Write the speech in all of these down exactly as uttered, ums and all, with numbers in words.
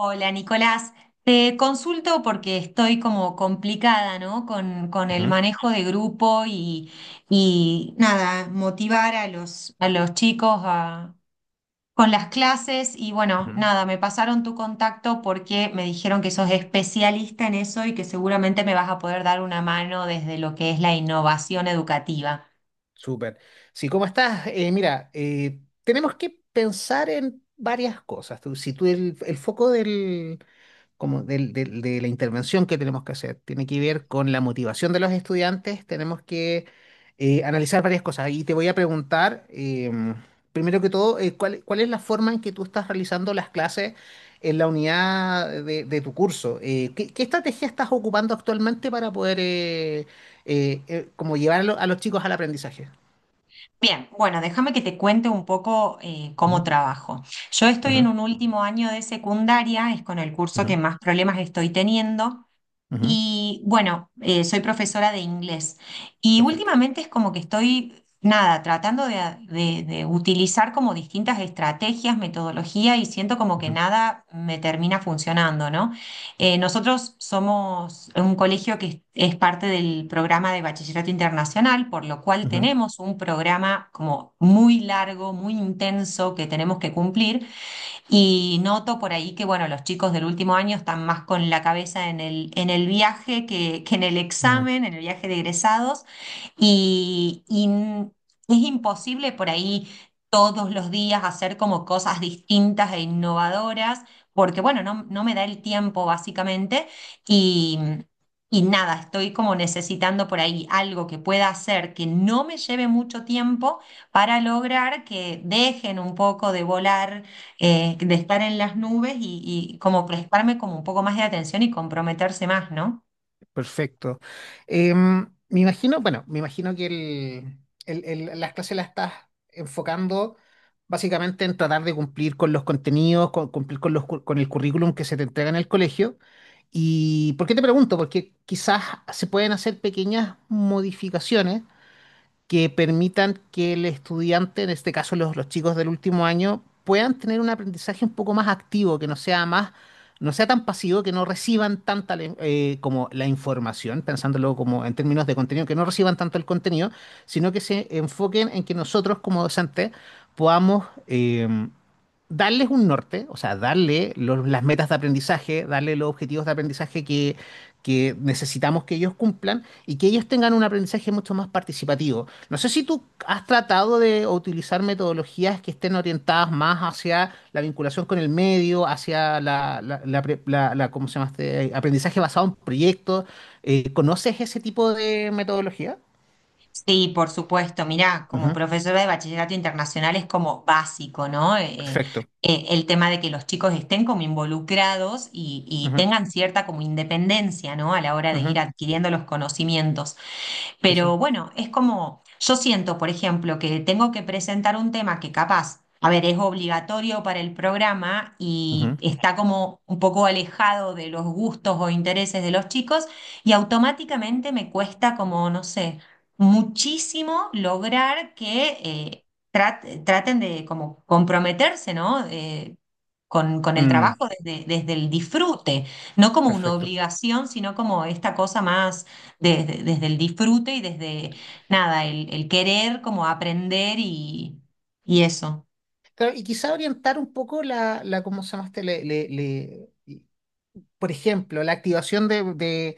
Hola Nicolás, te consulto porque estoy como complicada, ¿no? Con, con el Ujú, manejo de grupo y, y nada, motivar a los, a los chicos a- con las clases y bueno, ujú. nada, me pasaron tu contacto porque me dijeron que sos especialista en eso y que seguramente me vas a poder dar una mano desde lo que es la innovación educativa. Súper. Sí, ¿cómo estás? Eh, mira, eh, tenemos que pensar en varias cosas. Tú- Si tú el, el foco del, como del- del- de, la intervención que tenemos que hacer tiene que ver con la motivación de los estudiantes. Tenemos que eh, analizar varias cosas. Y te voy a preguntar, eh, primero que todo, eh, ¿cuál, cuál es la forma en que tú estás realizando las clases en la unidad de, de tu curso? Eh, ¿qué, qué estrategia estás ocupando actualmente para poder eh, eh, eh, como llevar a, lo- a los chicos al aprendizaje? Bien, bueno, déjame que te cuente un poco eh, cómo Ujú, trabajo. Yo estoy en ujú, un último año de secundaria, es con el curso ujú, que más problemas estoy teniendo. ujú. Y bueno, eh, soy profesora de inglés y Perfecto. últimamente es como que estoy, nada, tratando de, de- de utilizar como distintas estrategias, metodología y siento como que Ujú, nada me termina funcionando, ¿no? Eh, nosotros somos un colegio que es es parte del programa de Bachillerato Internacional, por lo cual ujú, tenemos un programa como muy largo, muy intenso que tenemos que cumplir. Y noto por ahí que, bueno, los chicos del último año están más con la cabeza en el, en el viaje que, que en el ujú. examen, en el viaje de egresados. Y, y n- es imposible por ahí todos los días hacer como cosas distintas e innovadoras, porque, bueno, no, no me da el tiempo básicamente. Y, y nada, estoy como necesitando por ahí algo que pueda hacer que no me lleve mucho tiempo para lograr que dejen un poco de volar eh, de estar en las nubes y, y como prestarme como un poco más de atención y comprometerse más, ¿no? Perfecto. Em, me imagino, bueno, me imagino que el, el- el- las clases las estás enfocando básicamente en tratar de cumplir con los contenidos, con- cumplir con los, cu- con el currículum que se te entrega en el colegio. ¿Y por qué te pregunto? Porque quizás se pueden hacer pequeñas modificaciones que permitan que el estudiante, en este caso los, los chicos del último año, puedan tener un aprendizaje un poco más activo, que no sea más, no sea tan pasivo, que no reciban tanta la in- eh, como la información, pensándolo como en términos de contenido, que no reciban tanto el contenido, sino que se enfoquen en que nosotros como docentes podamos eh, darles un norte, o sea, darle los- las metas de aprendizaje, darle los objetivos de aprendizaje que, que necesitamos que ellos cumplan y que ellos tengan un aprendizaje mucho más participativo. No sé si tú has tratado de utilizar metodologías que estén orientadas más hacia la vinculación con el medio, hacia la, la, la pre- la- la- ¿cómo se llama este? Aprendizaje basado en proyectos. Eh, ¿conoces ese tipo de metodología? Sí, por supuesto, mirá, como Ujú. profesora de bachillerato internacional es como básico, ¿no? Eh, Perfecto. Eh, el tema de que los chicos estén como involucrados y, y Ujú, tengan cierta como independencia, ¿no? A la hora de ir ujú. adquiriendo los conocimientos. Sí, sí. Pero bueno, es como, yo siento, por ejemplo, que tengo que presentar un tema que capaz, a ver, es obligatorio para el programa y Ujú, está como un poco alejado de los gustos o intereses de los chicos y automáticamente me cuesta como, no sé, muchísimo lograr que eh, trat- traten de como comprometerse, ¿no? Eh, con, con el mm, trabajo desde, desde el disfrute, no como una perfecto. obligación, sino como esta cosa más desde, desde el disfrute y desde nada, el, el querer como aprender y, y eso. Claro, y quizá orientar un poco la, la ¿cómo se llama este? Le, le- le- por ejemplo, la activación de, de-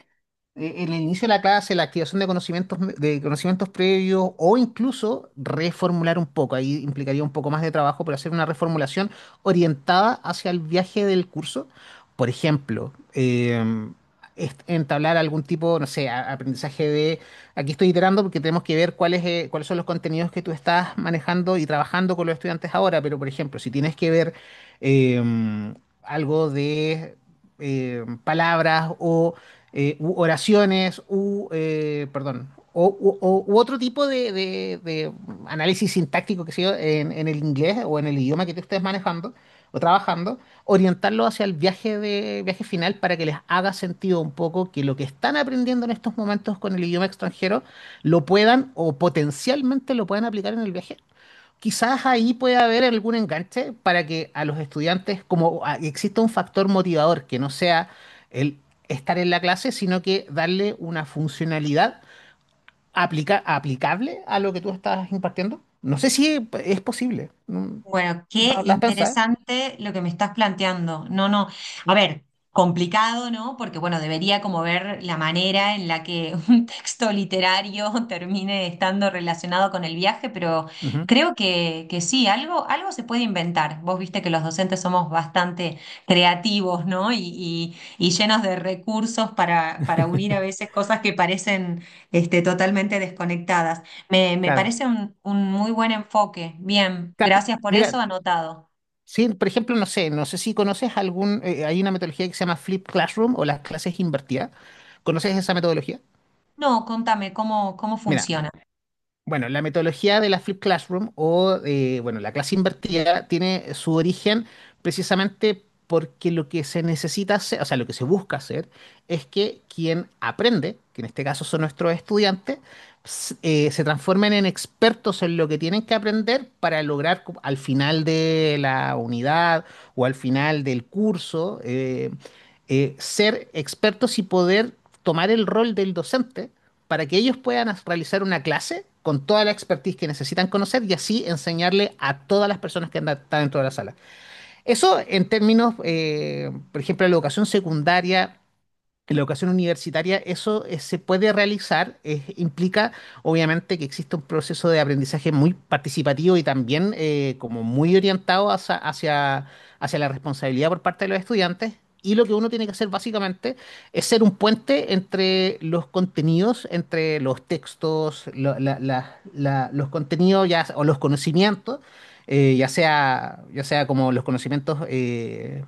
eh, en el inicio de la clase, la activación de conocimientos, me- de conocimientos previos o incluso reformular un poco. Ahí implicaría un poco más de trabajo, pero hacer una reformulación orientada hacia el viaje del curso. Por ejemplo, em, est- entablar algún tipo, no sé, a- aprendizaje de... Aquí estoy iterando porque tenemos que ver cuáles, eh, cuáles son los contenidos que tú estás manejando y trabajando con los estudiantes ahora, pero por ejemplo, si tienes que ver... em, algo de eh, palabras o eh, u oraciones u, eh, perdón, o, u, o- u otro tipo de, de- de análisis sintáctico que sea en, en el inglés o en el idioma que tú estés manejando o trabajando, orientarlo hacia el viaje, de, viaje final para que les haga sentido un poco que lo que están aprendiendo en estos momentos con el idioma extranjero lo puedan o potencialmente lo puedan aplicar en el viaje. Quizás ahí puede haber algún enganche para que a los estudiantes, como a- exista un factor motivador, que no sea el estar en la clase, sino que darle una funcionalidad aplica- aplicable a lo que tú estás impartiendo. No sé si es posible. Mm, Bueno, qué ¿Lo, lo has pensado? interesante lo que me estás planteando. No, no. A ver, complicado, ¿no? Porque, bueno, debería como ver la manera en la que un texto literario termine estando relacionado con el viaje, pero Ujú. creo que, que sí, algo, algo se puede inventar. Vos viste que los docentes somos bastante creativos, ¿no? Y, y- y llenos de recursos para, para unir a veces cosas que parecen este, totalmente desconectadas. Me, me Claro. parece un, un muy buen enfoque. Bien, Claro. gracias por eso, Mira, anotado. sí, por ejemplo, no sé, no sé si conoces algún, eh, hay una metodología que se llama Flip Classroom o las clases invertidas. ¿Conoces esa metodología? No, contame cómo, cómo Mira, funciona. bueno, la metodología de la Flip Classroom o, eh, bueno, la clase invertida tiene su origen precisamente porque lo que se necesita hacer, o sea, lo que se busca hacer es que quien aprende, que en este caso son nuestros estudiantes, s- eh, se transformen en expertos en lo que tienen que aprender para lograr co- al final de la unidad o al final del curso, eh, eh, ser expertos y poder tomar el rol del docente para que ellos puedan as- realizar una clase con toda la expertise que necesitan conocer y así enseñarle a todas las personas que andan, están dentro de la sala. Eso en términos, eh, por ejemplo, de la educación secundaria, en la educación universitaria eso eh, se puede realizar, eh, implica obviamente que existe un proceso de aprendizaje muy participativo y también eh, como muy orientado hacia, hacia, hacia la responsabilidad por parte de los estudiantes. Y lo que uno tiene que hacer básicamente es ser un puente entre los contenidos, entre los textos, lo- la- la- la- los contenidos ya, o los conocimientos, eh, ya sea, ya sea como los conocimientos eh,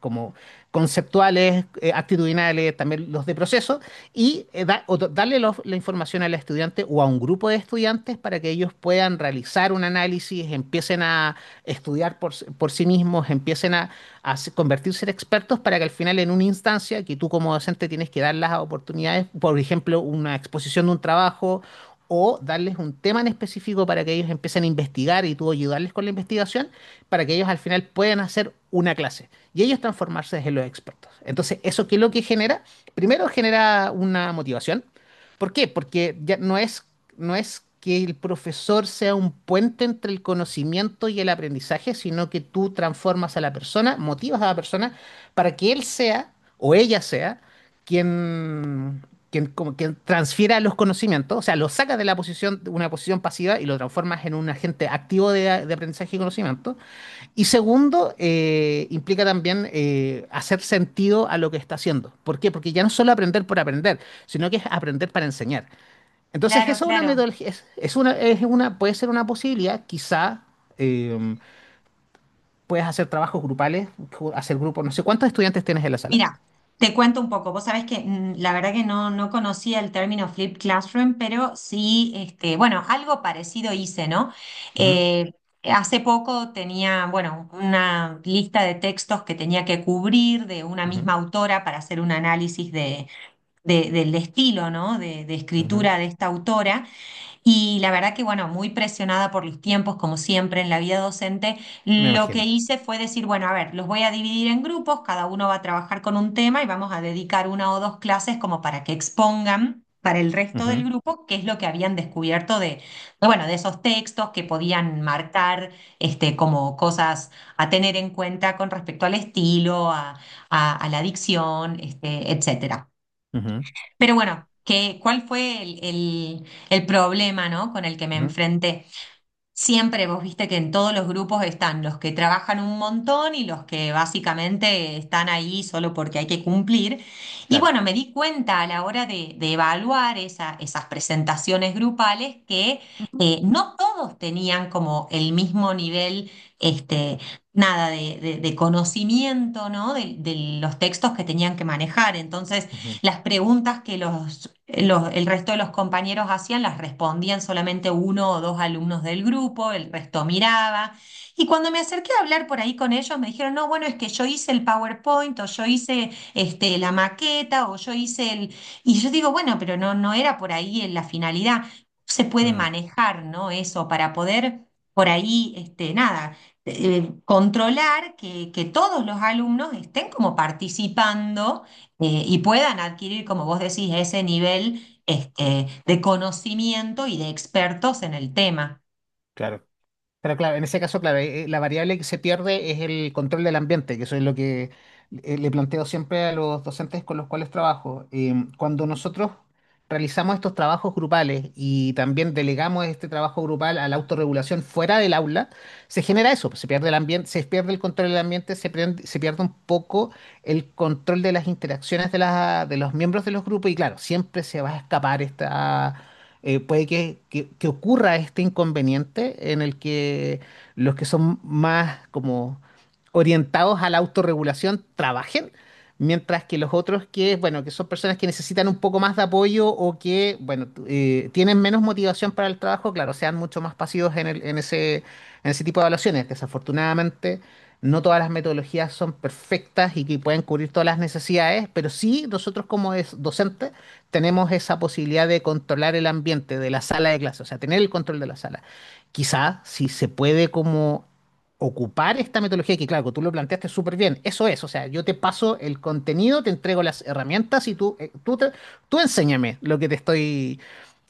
como conceptuales, eh, actitudinales, también los de proceso, y eh, da- o- darle los- la información al estudiante o a un grupo de estudiantes para que ellos puedan realizar un análisis, empiecen a estudiar por, s- por sí mismos, empiecen a, a se- convertirse en expertos para que al final en una instancia que tú como docente tienes que dar las oportunidades, por ejemplo, una exposición de un trabajo o darles un tema en específico para que ellos empiecen a investigar y tú ayudarles con la investigación para que ellos al final puedan hacer una clase y ellos transformarse en los expertos. Entonces, ¿eso qué es lo que genera? Primero genera una motivación. ¿Por qué? Porque ya no es, no es que el profesor sea un puente entre el conocimiento y el aprendizaje, sino que tú transformas a la persona, motivas a la persona para que él sea o ella sea quien, quien, como, quien transfiera los conocimientos, o sea, lo sacas de la posición, de una posición pasiva y lo transformas en un agente activo de, de aprendizaje y conocimiento. Y segundo, eh, implica también eh, hacer sentido a lo que está haciendo. ¿Por qué? Porque ya no es solo aprender por aprender, sino que es aprender para enseñar. Entonces, Claro, eso es una claro. metodología, es, es una, es una- puede ser una posibilidad, quizá eh, puedes hacer trabajos grupales, ju- hacer grupos, no sé cuántos estudiantes tienes en la sala. Mira, te cuento un poco. Vos sabés que mm, la verdad que no, no conocía el término Flip Classroom, pero sí, este, bueno, algo parecido hice, ¿no? Ujú, Eh, Hace poco tenía, bueno, una lista de textos que tenía que cubrir de una misma autora para hacer un análisis de, de- del estilo, ¿no? de de ujú, ujú. escritura de esta autora. Y la verdad que, bueno, muy presionada por los tiempos, como siempre en la vida docente, Me lo que imagino. hice fue decir, bueno, a ver, los voy a dividir en grupos, cada uno va a trabajar con un tema y vamos a dedicar una o dos clases como para que expongan para el resto del Ujú, grupo qué es lo que habían descubierto de, de, bueno, de esos textos que podían marcar este, como cosas a tener en cuenta con respecto al estilo, a, a- a la dicción, este, etcétera. ujú, Pero bueno, ¿qué, cuál fue el, el- el problema, ¿no? con el que me ujú. enfrenté? Siempre vos viste que en todos los grupos están los que trabajan un montón y los que básicamente están ahí solo porque hay que cumplir. Y Claro. bueno, me di cuenta a la hora de, de evaluar esa- esas presentaciones grupales que Ujú, eh, no todos tenían como el mismo nivel, este, nada, de, de- de conocimiento, ¿no? de de los textos que tenían que manejar. Entonces, ujú. las preguntas que los, los- el resto de los compañeros hacían las respondían solamente uno o dos alumnos del grupo, el resto miraba. Y cuando me acerqué a hablar por ahí con ellos, me dijeron, no, bueno, es que yo hice el PowerPoint o yo hice este, la maqueta o yo hice el... Y yo digo, bueno, pero no, no era por ahí en la finalidad. Se puede Mm, manejar, ¿no? Eso para poder por ahí, este, nada eh, controlar que, que todos los alumnos estén como participando eh, y puedan adquirir, como vos decís, ese nivel este, de conocimiento y de expertos en el tema. claro. Pero claro, en ese caso, claro, eh, eh, la variable que se pierde es el control del ambiente, que eso es lo que eh, le planteo siempre a los docentes con los cuales trabajo. Eh, cuando nosotros realizamos estos trabajos grupales y también delegamos este trabajo grupal a la autorregulación fuera del aula, se genera eso, pues, se pierde el ambiente, se pierde el control del ambiente, se pierde, se pierde un poco el control de las interacciones de, las- de los miembros de los grupos y claro, siempre se va a escapar esta eh, puede que, que- que ocurra este inconveniente en el que los que son más como orientados a la autorregulación trabajen, mientras que los otros que, bueno, que son personas que necesitan un poco más de apoyo o que, bueno, t- eh, tienen menos motivación para el trabajo, claro, sean mucho más pasivos en el- en ese, en ese tipo de evaluaciones. Desafortunadamente, no todas las metodologías son perfectas y que pueden cubrir todas las necesidades, pero sí nosotros como es- docentes tenemos esa posibilidad de controlar el ambiente de la sala de clase, o sea, tener el control de la sala. Quizás si se puede como ocupar esta metodología, que claro, tú lo planteaste súper bien, eso es, o sea, yo te paso el contenido, te entrego las herramientas y tú, eh, tú, te- tú enséñame lo que te estoy,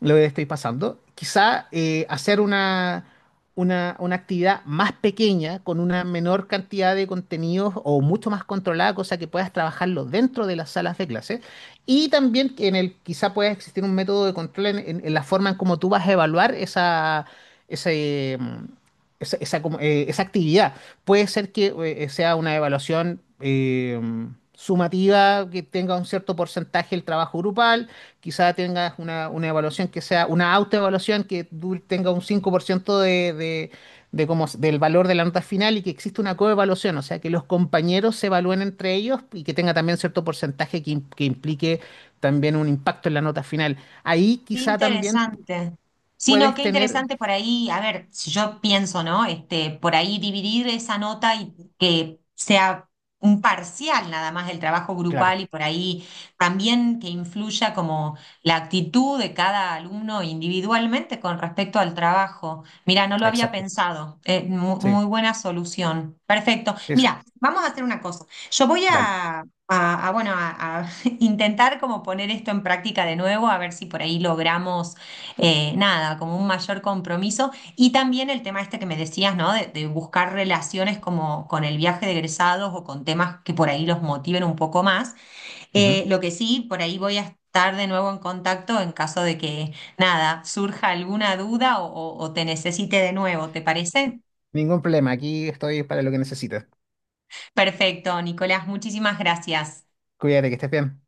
lo que te estoy pasando. Quizá eh, hacer una, una, una actividad más pequeña, con una menor cantidad de contenidos o mucho más controlada, cosa que puedas trabajarlo dentro de las salas de clase y también que en el quizá pueda existir un método de control en, en- en la forma en cómo tú vas a evaluar esa, ese, mm, esa, esa como, eh, esa actividad. Puede ser que eh, eh, sea una evaluación eh, sumativa, que tenga un cierto porcentaje el trabajo grupal, quizá tengas una, una evaluación que sea una autoevaluación que du- tenga un cinco por ciento de, de- de cómo, del valor de la nota final y que existe una coevaluación, o sea, que los compañeros se evalúen entre ellos y que tenga también cierto porcentaje que, im- que implique también un impacto en la nota final. Ahí Qué quizá también interesante. Sí, no, puedes qué tener... interesante por ahí. A ver, si yo pienso, ¿no? Este, por ahí dividir esa nota y que sea un parcial nada más del trabajo Claro, grupal y por ahí también que influya como la actitud de cada alumno individualmente con respecto al trabajo. Mira, no lo había exacto. pensado. Eh, mu- Sí, Muy buena solución. Perfecto. sí, eso. Mira, vamos a hacer una cosa. Yo voy Dale. a, a, a, bueno, a intentar como poner esto en práctica de nuevo, a ver si por ahí logramos eh, nada, como un mayor compromiso. Y también el tema este que me decías, ¿no? De, de buscar relaciones como con el viaje de egresados o con temas que por ahí los motiven un poco más. Eh, Ujú. lo que sí, por ahí voy a estar de nuevo en contacto en caso de que nada, surja alguna duda o o- o te necesite de nuevo, ¿te parece? Ningún problema, aquí estoy para lo que necesites. Perfecto, Nicolás, muchísimas gracias. Cuídate, que estés bien.